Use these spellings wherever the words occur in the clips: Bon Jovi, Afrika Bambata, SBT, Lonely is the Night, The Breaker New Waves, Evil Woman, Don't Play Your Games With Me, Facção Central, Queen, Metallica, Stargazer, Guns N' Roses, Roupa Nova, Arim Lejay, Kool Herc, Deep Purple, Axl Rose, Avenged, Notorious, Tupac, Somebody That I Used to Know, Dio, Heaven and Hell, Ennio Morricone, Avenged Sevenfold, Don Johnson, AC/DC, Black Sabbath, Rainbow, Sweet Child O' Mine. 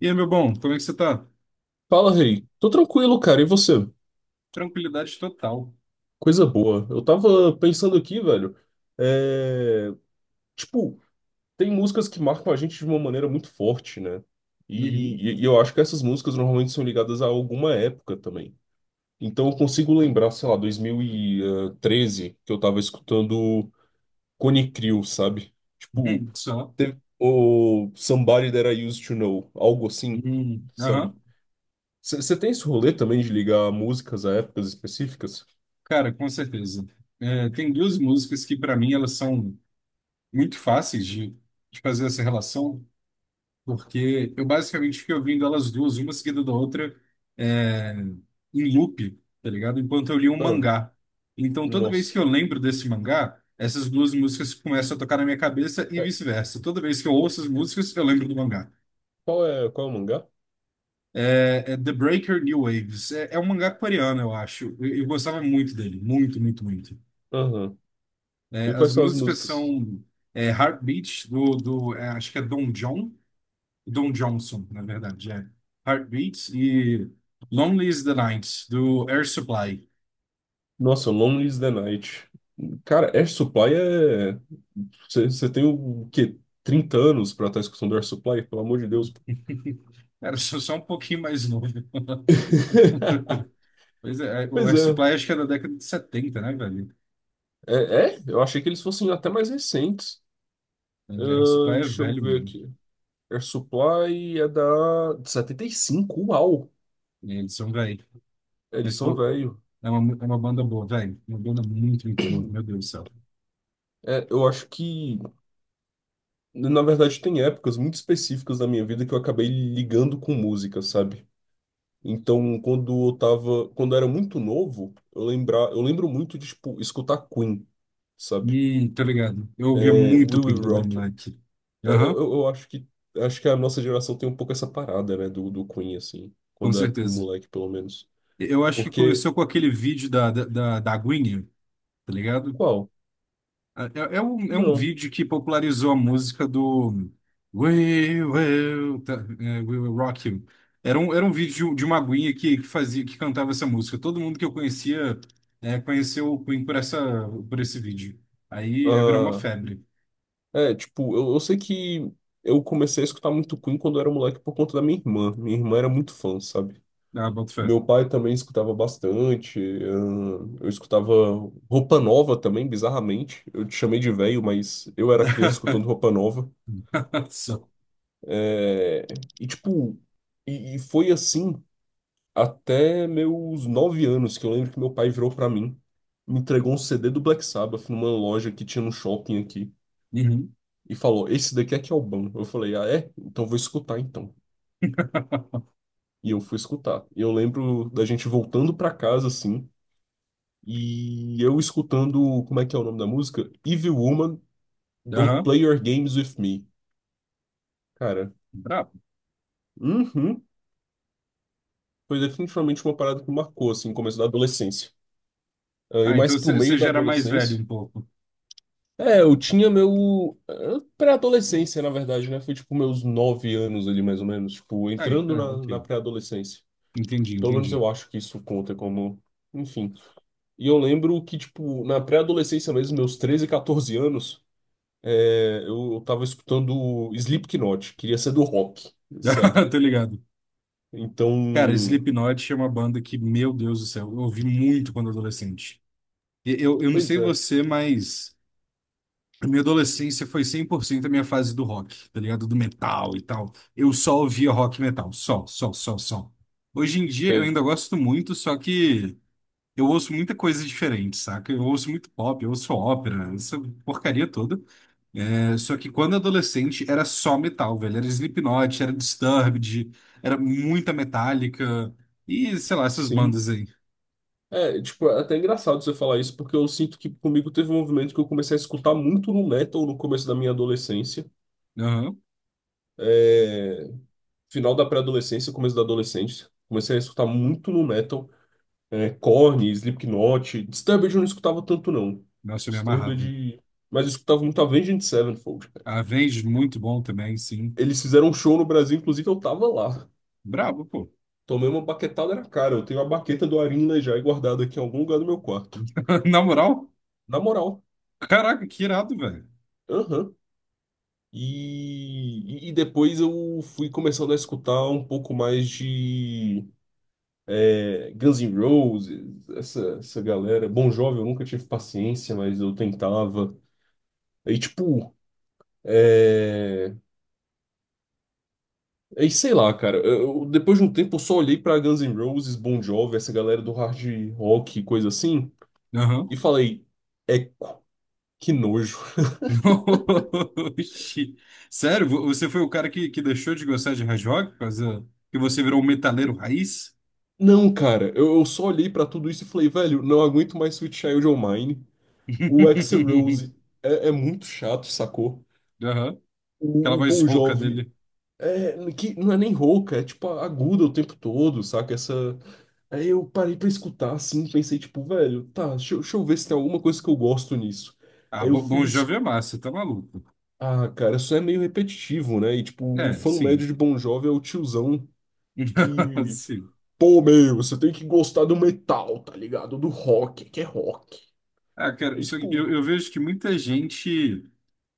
E aí, meu bom, como é que você tá? Fala, rei. Tô tranquilo, cara. E você? Tranquilidade total. Coisa boa. Eu tava pensando aqui, velho. É... Tipo, tem músicas que marcam a gente de uma maneira muito forte, né? E, Uhum. e- e eu acho que essas músicas normalmente são ligadas a alguma época também. Então eu consigo lembrar, sei lá, 2013, que eu tava escutando Cone Crew, sabe? Tipo, Uhum. Só. teve o Somebody That I Used to Know, algo assim, Uhum. sabe? Aham. Você tem esse rolê também de ligar músicas a épocas específicas? Cara, com certeza. É, tem duas músicas que, para mim, elas são muito fáceis de fazer essa relação, porque eu basicamente fiquei ouvindo elas duas, uma seguida da outra, é, em loop, tá ligado? Enquanto eu li um Ah. mangá. Então, toda vez Nossa. que eu lembro desse mangá, essas duas músicas começam a tocar na minha cabeça e É, vice-versa. Toda vez que eu qu- ouço as músicas, eu lembro do mangá. qual é o mangá? É The Breaker New Waves. É um mangá coreano, eu acho. Eu gostava muito dele. Muito, muito, muito. Aham. É, E quais as são as músicas músicas? são é, Heartbeat, do é, acho que é Don John. Don Johnson, na verdade. É. Heartbeat e Lonely is the Night, do Air Supply. Nossa, Lonely is the Night. Cara, Air Supply é. Você tem o quê? 30 anos pra estar escutando Air Supply? Pelo amor de Deus. Pô. Era só um pouquinho mais novo. Pois o Pois Air é. Supply acho que é da década de 70, né, velho? É, é? Eu achei que eles fossem até mais recentes. É, Air Supply é Deixa eu velho, ver mano. aqui. Air Supply é da de 75. Uau! Eles são velho. Eles Mas, são pô, velho. é uma banda boa, velho. Uma banda muito, muito boa, meu Deus do céu. É, eu acho que, na verdade, tem épocas muito específicas da minha vida que eu acabei ligando com música, sabe? Então, quando eu era muito novo, eu lembro muito de, tipo, escutar Queen, sabe? Tá ligado. Eu ouvia É, muito We Queen Will quando era Rock You. moleque. É, eu, Aham, eu eu acho que, acho que a nossa geração tem um pouco essa parada, né, do, do Queen, assim, com quando é certeza. moleque, pelo menos. Eu acho que Porque, começou com aquele vídeo da Gwyneth, tá ligado? qual? É um, é um Não. vídeo que popularizou a música do We Will, tá, é, We Will Rock You. Era um vídeo de de uma Gwyneth que fazia, que cantava essa música. Todo mundo que eu conhecia, é, conheceu o Queen por essa, por esse vídeo. Aí virou uma Ah, febre. é, tipo, eu sei que eu comecei a escutar muito Queen quando eu era moleque por conta da minha irmã. Minha irmã era muito fã, sabe? Ah, boto fé. Meu pai também escutava bastante. Eu escutava Roupa Nova também, bizarramente. Eu te chamei de velho, mas eu era criança escutando Roupa Nova. Só. É, e tipo, e foi assim até meus 9 anos, que eu lembro que meu pai virou pra mim, me entregou um CD do Black Sabbath numa loja que tinha no shopping aqui Uhum. e falou: Esse daqui é que é o bom. Eu falei: Ah, é? Então vou escutar então. E eu fui escutar. E eu lembro da gente voltando pra casa assim. E eu escutando, como é que é o nome da música? Evil Woman, Don't Aham. Play Your Games With Me. Cara, Brabo. uhum, foi definitivamente uma parada que me marcou, assim, no começo da adolescência. Ah, e Ah, mais então pro você meio da já era mais velho adolescência. um pouco. É, eu tinha meu... Pré-adolescência, na verdade, né? Foi tipo meus 9 anos ali, mais ou menos. Tipo, Ah, entrando na, ok. na pré-adolescência. Entendi, Pelo menos eu entendi. acho que isso conta como. Enfim. E eu lembro que, tipo, na pré-adolescência mesmo, meus 13, 14 anos. Eu tava escutando Slipknot, queria ser do rock, sabe? Tô ligado. Então, Cara, Slipknot é uma banda que, meu Deus do céu, eu ouvi muito quando adolescente. Eu não pois sei é, você, mas a minha adolescência foi 100% a minha fase do rock, tá ligado? Do metal e tal. Eu só ouvia rock e metal. Só, só, só, só. Hoje em dia eu sei, ainda gosto muito, só que. Eu ouço muita coisa diferente, saca? Eu ouço muito pop, eu ouço ópera, essa porcaria toda. É, só que quando adolescente era só metal, velho. Era Slipknot, era Disturbed, era muita Metallica e, sei lá, essas sim. bandas aí. É, tipo, é até engraçado você falar isso, porque eu sinto que comigo teve um movimento que eu comecei a escutar muito no metal no começo da minha adolescência. Aham. É, final da pré-adolescência, começo da adolescência. Comecei a escutar muito no metal. É, Korn, Slipknot. Disturbed eu não escutava tanto, não. Nossa, eu me amarrava. Disturbed. Mas eu escutava muito Avenged Sevenfold, cara. Avenged, muito bom também, sim. Eles fizeram um show no Brasil, inclusive eu tava lá. Brabo, pô. Tomei uma baquetada na cara. Eu tenho a baqueta do Arim Lejay guardada aqui em algum lugar do meu quarto. Na moral, Na moral. caraca, que irado, velho. Aham. E depois eu fui começando a escutar um pouco mais de Guns N' Roses, essa galera. Bon Jovi eu nunca tive paciência, mas eu tentava. Aí, tipo, é... Aí, sei lá, cara. Depois de um tempo eu só olhei pra Guns N' Roses, Bon Jovi, essa galera do hard rock e coisa assim, e Aham. falei, eco, que nojo. Oxi. Sério, você foi o cara que deixou de gostar de hard rock por causa que você virou um metaleiro raiz? Não, cara, eu só olhei pra tudo isso e falei, velho, não aguento mais Sweet Child O' Mine. O Axl Rose é muito chato, sacou? Aham. Aquela O voz Bon rouca Jovi dele. é, que não é nem rouca, é tipo aguda o tempo todo, saca? Essa. Aí eu parei pra escutar assim, pensei, tipo, velho, tá, deixa eu ver se tem alguma coisa que eu gosto nisso. Ah, Aí eu Bon fui. Jovi é massa, tá maluco. Ah, cara, isso é meio repetitivo, né? E tipo, o É, fã médio sim. de Bon Jovi é o tiozão. Que... Sim. Pô, meu, você tem que gostar do metal, tá ligado? Do rock, que é rock. Ah, cara, Aí, isso- eu, tipo, eu vejo que muita gente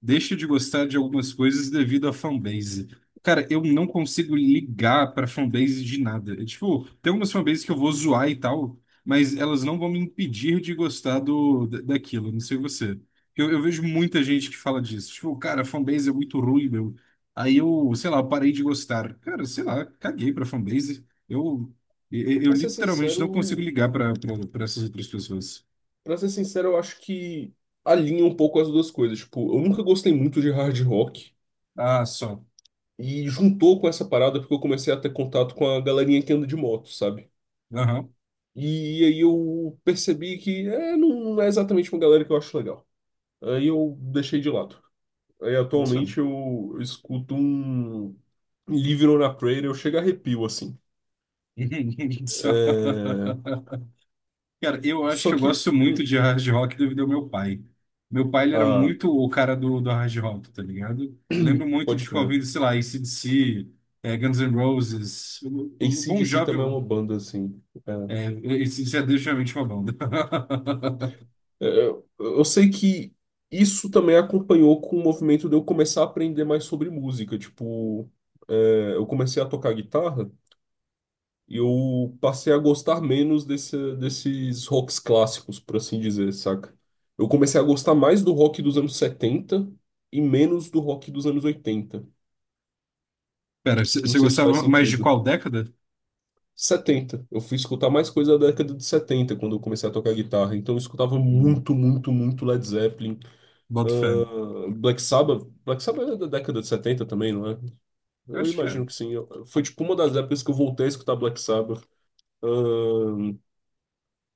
deixa de gostar de algumas coisas devido à fanbase. Cara, eu não consigo ligar pra fanbase de nada. É, tipo, tem algumas fanbases que eu vou zoar e tal, mas elas não vão me impedir de gostar do, daquilo. Não sei você. Eu vejo muita gente que fala disso. Tipo, cara, a fanbase é muito ruim, meu. Aí eu, sei lá, parei de gostar. Cara, sei lá, caguei pra fanbase. Eu pra ser literalmente não consigo sincero, ligar pra pra essas outras pessoas. pra ser sincero, eu acho que alinha um pouco as duas coisas. Tipo, eu nunca gostei muito de hard rock Ah, só. e juntou com essa parada porque eu comecei a ter contato com a galerinha que anda de moto, sabe? Aham, E aí eu percebi que é, não é exatamente uma galera que eu acho legal. Aí eu deixei de lado. Aí muito atualmente som. eu escuto um Living on a Prayer, eu chego a arrepio, assim. Só- É, Cara, eu acho que só eu que. gosto hum, muito de hard rock devido ao meu pai. Meu pai, ele era Ah, muito o cara do hard rock, tá ligado? Eu lembro muito de pode ficar crer. ouvindo, sei lá, AC/DC, Guns N' Roses, o Bon AC/DC Jovi, também é uma banda, assim. É. é, AC/DC é definitivamente uma banda. Eu sei que isso também acompanhou com o movimento de eu começar a aprender mais sobre música. Tipo, eu comecei a tocar guitarra e eu passei a gostar menos desses rocks clássicos, por assim dizer, saca? Eu comecei a gostar mais do rock dos anos 70 e menos do rock dos anos 80. Pera, você Não você sei se faz gostava mais de sentido. qual década? Setenta Eu fui escutar mais coisa da década de 70 quando eu comecei a tocar guitarra. Então eu escutava Hum, muito, muito, muito Led Zeppelin. boto fé. Ah, Black Sabbath. Black Sabbath é da década de 70 também, não é? Eu Eu acho que é. imagino que sim. Foi tipo uma das épocas que eu voltei a escutar Black Sabbath. Ah,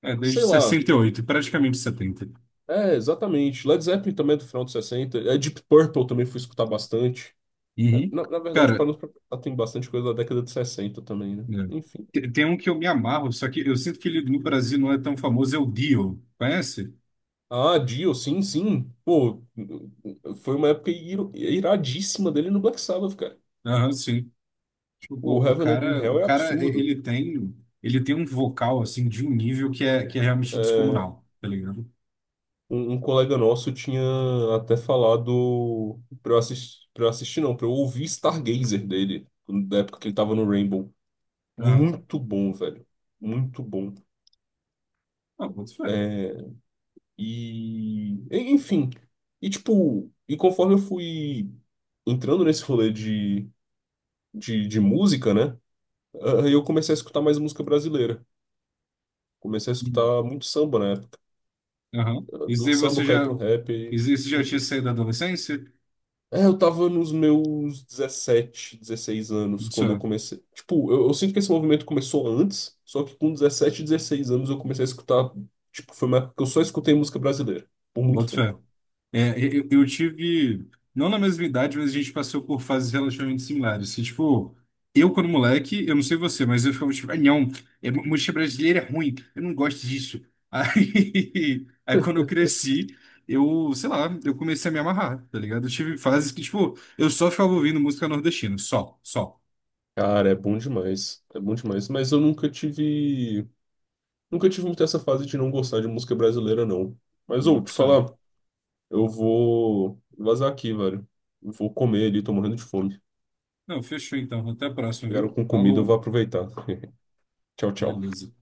É, desde sei lá. 68, praticamente setenta. É, exatamente. Led Zeppelin também é do final de 60. É, Deep Purple também fui escutar bastante. É, Uhum. Na verdade, para Cara, nos tem bastante coisa da década de 60 também, né? é. Enfim. Tem um que eu me amarro, só que eu sinto que ele no Brasil não é tão famoso, é o Dio. Conhece? Ah, Dio, sim, sim. Pô, foi uma época iradíssima dele no Black Sabbath, cara. Aham, sim. Tipo, O pô, o Heaven and cara, Hell é absurdo. Ele tem um vocal, assim, de um nível que é realmente É, descomunal, tá ligado? um colega nosso tinha até falado pra eu assistir não, pra eu ouvir Stargazer dele, da época que ele tava no Rainbow. Aham. Muito bom, velho. Muito bom. Ah, boto fé. E, enfim. E tipo, e conforme eu fui entrando nesse rolê de, de música, né? Aí eu comecei a escutar mais música brasileira. Comecei a Hum. escutar muito samba na época. Aham. Isso Do aí samba você cair já, pro rap, isso já tinha enfim. saído da adolescência? É, eu tava nos meus 17 16 anos Isso quando eu é, comecei. Tipo, eu sinto que esse movimento começou antes, só que com 17 16 anos eu comecei a escutar. Tipo, foi uma época que eu só escutei música brasileira por muito boto fé. tempo. É, eu tive, não na mesma idade, mas a gente passou por fases relativamente similares. Que, tipo, eu quando moleque, eu não sei você, mas eu ficava tipo, ah, não, é, mu- música brasileira é ruim, eu não gosto disso. Aí, aí quando eu cresci, eu, sei lá, eu comecei a me amarrar, tá ligado? Eu tive fases que, tipo, eu só ficava ouvindo música nordestina, só, só, Cara, é bom demais. É bom demais. Mas eu nunca tive. Nunca tive muito essa fase de não gostar de música brasileira, não. Mas, ô, te só. falar, eu vou vazar aqui, velho. Eu vou comer ali, tô morrendo de fome. Não, fechou então, até a próxima, Chegaram viu? com comida, eu vou Falou, aproveitar. Tchau, tchau. beleza.